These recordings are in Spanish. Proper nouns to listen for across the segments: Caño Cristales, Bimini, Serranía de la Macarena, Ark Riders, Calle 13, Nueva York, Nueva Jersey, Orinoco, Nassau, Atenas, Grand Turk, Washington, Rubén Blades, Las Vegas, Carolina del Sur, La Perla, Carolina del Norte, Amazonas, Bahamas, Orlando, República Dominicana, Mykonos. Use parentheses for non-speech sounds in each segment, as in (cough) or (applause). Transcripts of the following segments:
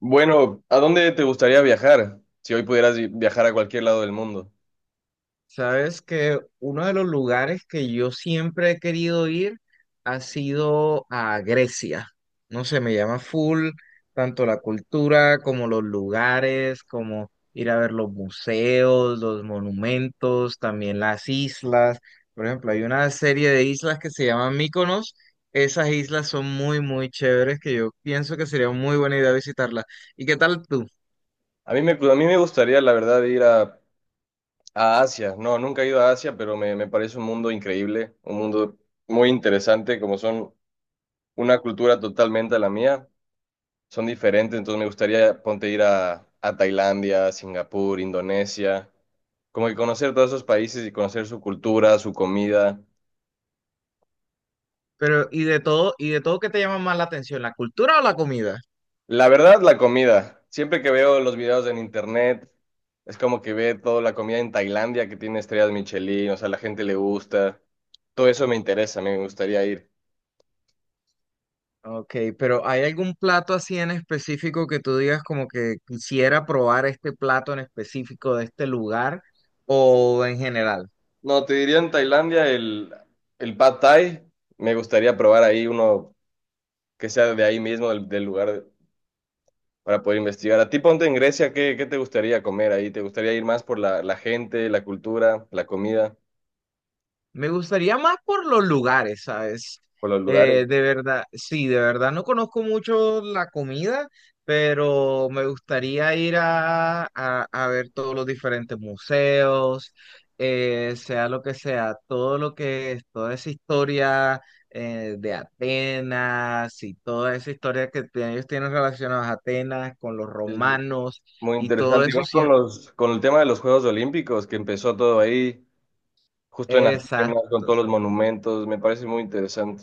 Bueno, ¿a dónde te gustaría viajar? Si hoy pudieras viajar a cualquier lado del mundo. Sabes que uno de los lugares que yo siempre he querido ir ha sido a Grecia. No sé, me llama full, tanto la cultura como los lugares, como ir a ver los museos, los monumentos, también las islas. Por ejemplo, hay una serie de islas que se llaman Mykonos. Esas islas son muy, muy chéveres que yo pienso que sería muy buena idea visitarlas. ¿Y qué tal tú? A mí me gustaría, la verdad, ir a Asia. No, nunca he ido a Asia, pero me parece un mundo increíble, un mundo muy interesante, como son una cultura totalmente a la mía. Son diferentes, entonces me gustaría, ponte, ir a Tailandia, Singapur, Indonesia, como que conocer todos esos países y conocer su cultura, su comida. Pero, y de todo qué te llama más la atención, la cultura o la comida? La verdad, la comida. Siempre que veo los videos en internet, es como que ve toda la comida en Tailandia que tiene estrellas Michelin, o sea, la gente le gusta. Todo eso me interesa, me gustaría ir. Ok, pero ¿hay algún plato así en específico que tú digas como que quisiera probar este plato en específico de este lugar o en general? No, te diría en Tailandia el Pad Thai. Me gustaría probar ahí uno que sea de ahí mismo, del lugar, para poder investigar. A ti, ponte en Grecia, ¿ qué te gustaría comer ahí? ¿Te gustaría ir más por la gente, la cultura, la comida, Me gustaría más por los lugares, ¿sabes? por los lugares? De verdad, sí, de verdad no conozco mucho la comida, pero me gustaría ir a ver todos los diferentes museos, sea lo que sea, todo lo que es, toda esa historia de Atenas y toda esa historia ellos tienen relacionadas a Atenas con los romanos Muy y todo interesante. Igual eso, sí, con con el tema de los Juegos Olímpicos, que empezó todo ahí, justo en Atenas, con exacto. todos los monumentos, me parece muy interesante.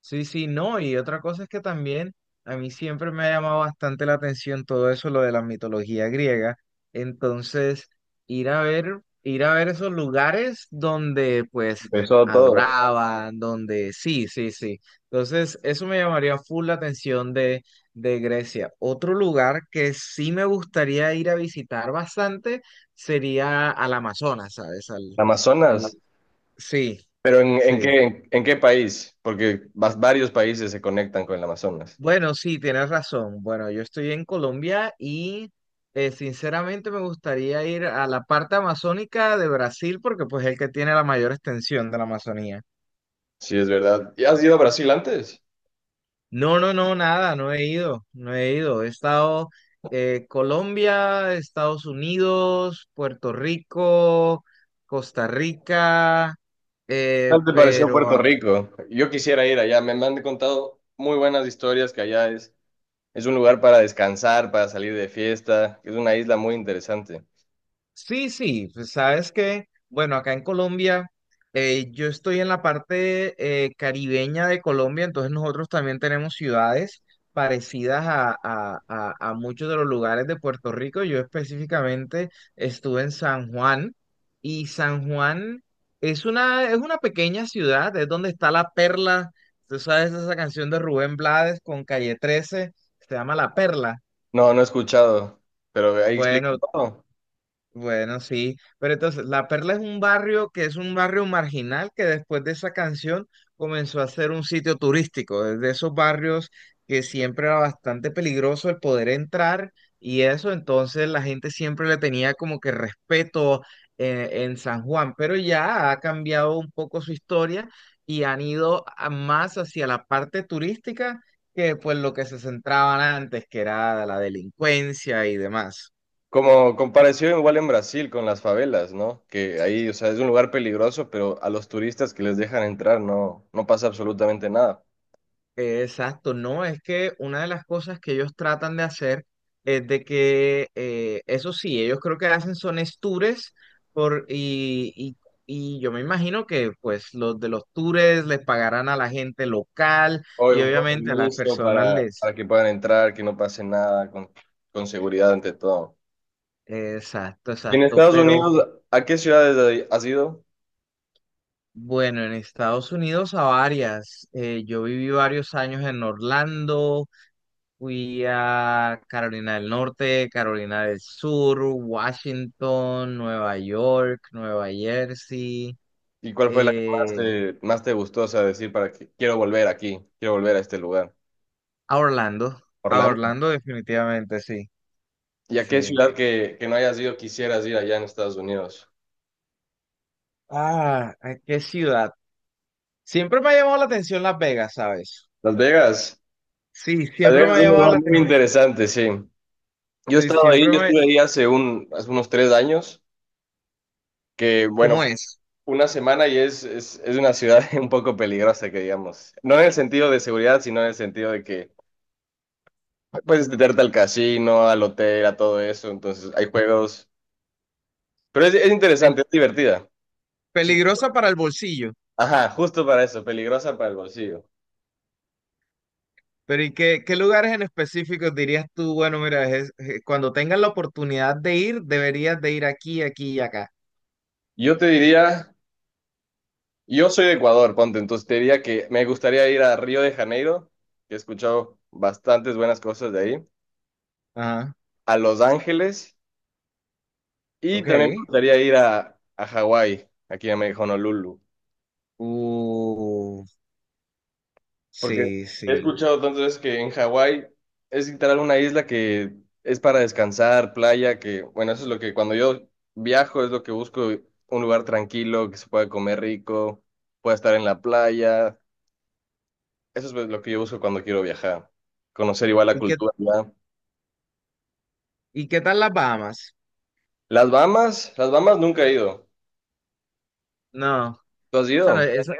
Sí, sí, no, y otra cosa es que también a mí siempre me ha llamado bastante la atención todo eso, lo de la mitología griega. Entonces, ir a ver esos lugares donde pues Empezó todo. adoraban, donde sí, sí, sí. Entonces, eso me llamaría full la atención de Grecia. Otro lugar que sí me gustaría ir a visitar bastante sería al Amazonas, ¿sabes? En al, Amazonas. sí, Pero sí. En qué país? Porque varios países se conectan con el Amazonas. Bueno, sí, tienes razón. Bueno, yo estoy en Colombia y sinceramente me gustaría ir a la parte amazónica de Brasil porque pues es el que tiene la mayor extensión de la Amazonía. Sí, es verdad. ¿Y has ido a Brasil antes? No, no, no, nada, no he ido, no he ido. He estado Colombia, Estados Unidos, Puerto Rico, Costa Rica, ¿Qué eh, tal te pareció Puerto pero Rico? Yo quisiera ir allá. Me han contado muy buenas historias que allá es un lugar para descansar, para salir de fiesta, que es una isla muy interesante. sí, sí, pues, sabes que, bueno, acá en Colombia, yo estoy en la parte caribeña de Colombia, entonces nosotros también tenemos ciudades parecidas a muchos de los lugares de Puerto Rico. Yo específicamente estuve en San Juan y San Juan es una pequeña ciudad, es donde está La Perla. Tú sabes esa canción de Rubén Blades con Calle 13, se llama La Perla. No, no he escuchado, pero ahí explica Bueno, todo. bueno, sí, pero entonces La Perla es un barrio que es un barrio marginal que después de esa canción comenzó a ser un sitio turístico, es de esos barrios que siempre era bastante peligroso el poder entrar y eso, entonces la gente siempre le tenía como que respeto en San Juan, pero ya ha cambiado un poco su historia y más hacia la parte turística que pues lo que se centraban antes, que era la delincuencia y demás. Como comparación igual en Brasil con las favelas, ¿no? Que ahí, o sea, es un lugar peligroso, pero a los turistas que les dejan entrar no, no pasa absolutamente nada. Exacto, no, es que una de las cosas que ellos tratan de hacer es de que, eso sí, ellos creo que hacen son es tours por, y, y- y yo me imagino que pues los de los tours les pagarán a la gente local y Obvio, con obviamente a las permiso personas les... para que puedan entrar, que no pase nada, con seguridad ante todo. Exacto, Y en exacto, Estados pero Unidos, ¿a qué ciudades has ido? bueno, en Estados Unidos a varias, yo viví varios años en Orlando. Fui a Carolina del Norte, Carolina del Sur, Washington, Nueva York, Nueva Jersey, ¿Y cuál fue la que eh, más te gustó, o sea, decir para que quiero volver aquí, quiero volver a este lugar? a Orlando, a Orlando. Orlando definitivamente, sí, ¿Y a qué sí. ciudad que no hayas ido quisieras ir allá en Estados Unidos? Ah, ¿a qué ciudad? Siempre me ha llamado la atención Las Vegas, ¿sabes? Las Vegas. Sí, Las siempre Vegas me es ha un llamado lugar la muy interesante, sí. Yo he atención, estado ahí, siempre yo me... estuve ahí hace unos 3 años, que bueno, ¿Cómo fue es? una semana y es una ciudad (laughs) un poco peligrosa, que digamos. No en el sentido de seguridad, sino en el sentido de que puedes meterte al casino, al hotel, a todo eso, entonces hay juegos. Pero es Pel- interesante, es divertida. Sí. peligrosa para el bolsillo. Ajá, justo para eso, peligrosa para el bolsillo. Pero ¿y qué, qué lugares en específico dirías tú, bueno, mira, cuando tengas la oportunidad de ir, deberías de ir aquí, aquí y acá? Yo te diría... Yo soy de Ecuador, ponte, entonces te diría que me gustaría ir a Río de Janeiro, que he escuchado bastantes buenas cosas de ahí, Ajá, a Los Ángeles y también me ok. gustaría ir a Hawái, aquí a Honolulu, Uh, porque sí, he sí. escuchado tantas veces que en Hawái es literal una isla que es para descansar, playa, que bueno, eso es lo que cuando yo viajo es lo que busco, un lugar tranquilo, que se pueda comer rico, pueda estar en la playa, eso es lo que yo busco cuando quiero viajar, conocer igual la ¿Y qué, cultura. y qué tal las Bahamas? Las Bahamas nunca he ido. No, ¿Tú has esa no- ido? esa-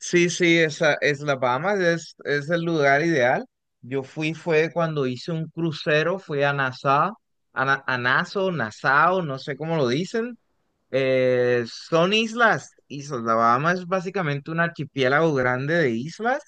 sí, sí, esa es las Bahamas, es el lugar ideal. Yo fui, fue cuando hice un crucero, fui a Nassau, a Nassau, Nassau, no sé cómo lo dicen. Son islas. La Bahama es básicamente un archipiélago grande de islas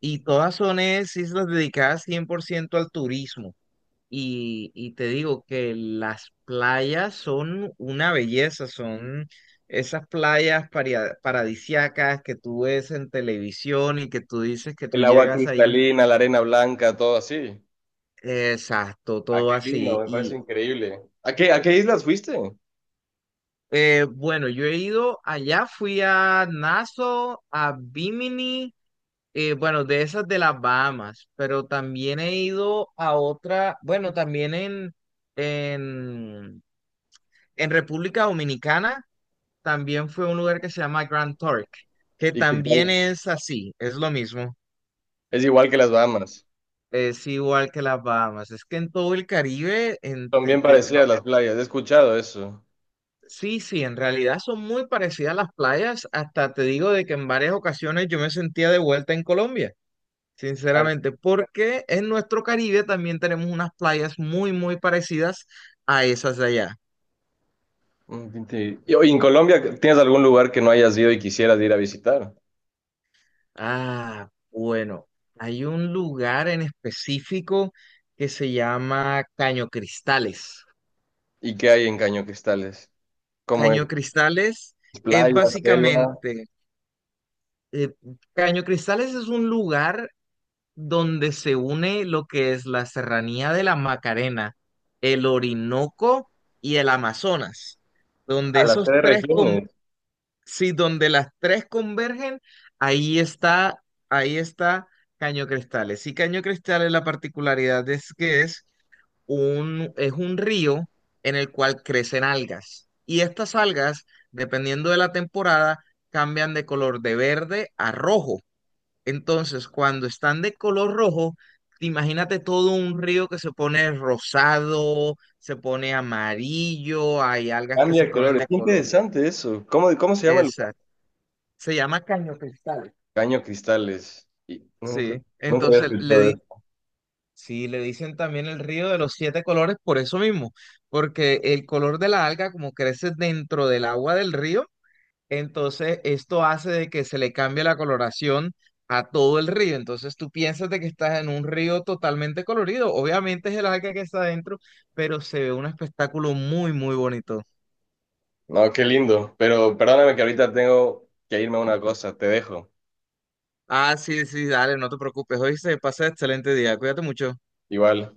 y islas dedicadas 100% al turismo. Y te digo que las playas son una belleza, son esas playas paradisiacas que tú ves en televisión y que tú dices que tú El agua llegas allí. cristalina, la arena blanca, todo así. Exacto, Ah, todo qué lindo, así. me parece Y increíble. A qué islas fuiste? Bueno, yo he ido allá, fui a Nassau, a Bimini. Bueno, de esas de las Bahamas, pero también he ido a otra, bueno, también en, en República Dominicana, también fue un lugar que se llama Grand Turk, que ¿Y qué también tal? es así, es lo mismo, Es igual que las Bahamas. es igual que las Bahamas, es que en todo el Caribe, Son bien parecidas las playas, he escuchado eso. sí, sí, en realidad son muy parecidas las playas, hasta te digo de que en varias ocasiones yo me sentía de vuelta en Colombia. Ah, Sinceramente, porque en nuestro Caribe también tenemos unas playas muy, muy parecidas a esas de allá. mm, sí. Sí. Y oye, en Colombia, ¿tienes algún lugar que no hayas ido y quisieras ir a visitar? Ah, bueno, hay un lugar en específico que se llama Caño Cristales. ¿Y qué hay en Caño Cristales? ¿Cómo es? Caño Cristales es ¿Playa, selva? básicamente, eh, Caño Cristales es un lugar donde se une lo que es la Serranía de la Macarena, el Orinoco y el Amazonas donde A las tres regiones. sí, donde las tres convergen, ahí está, ahí está Caño Cristales. Y Caño Cristales, la particularidad es que es un río en el cual crecen algas. Y estas algas, dependiendo de la temporada, cambian de color de verde a rojo. Entonces, cuando están de color rojo, imagínate todo un río que se pone rosado, se pone amarillo, hay algas que Cambia se de ponen colores. de Qué color. interesante eso. ¿Cómo, cómo se llama el? Exacto. Se llama Caño Cristal. Caño Cristales. Y nunca, Sí, nunca había entonces le escuchado di, eso. sí, le dicen también el río de los siete colores por eso mismo, porque el color de la alga como crece dentro del agua del río, entonces esto hace de que se le cambie la coloración a todo el río. Entonces tú piensas de que estás en un río totalmente colorido. Obviamente es el alga que está adentro, pero se ve un espectáculo muy, muy bonito. No, qué lindo. Pero perdóname que ahorita tengo que irme a una cosa. Te dejo. Ah, sí, sí, dale, no te preocupes. Hoy se pasa excelente día. Cuídate mucho. Igual.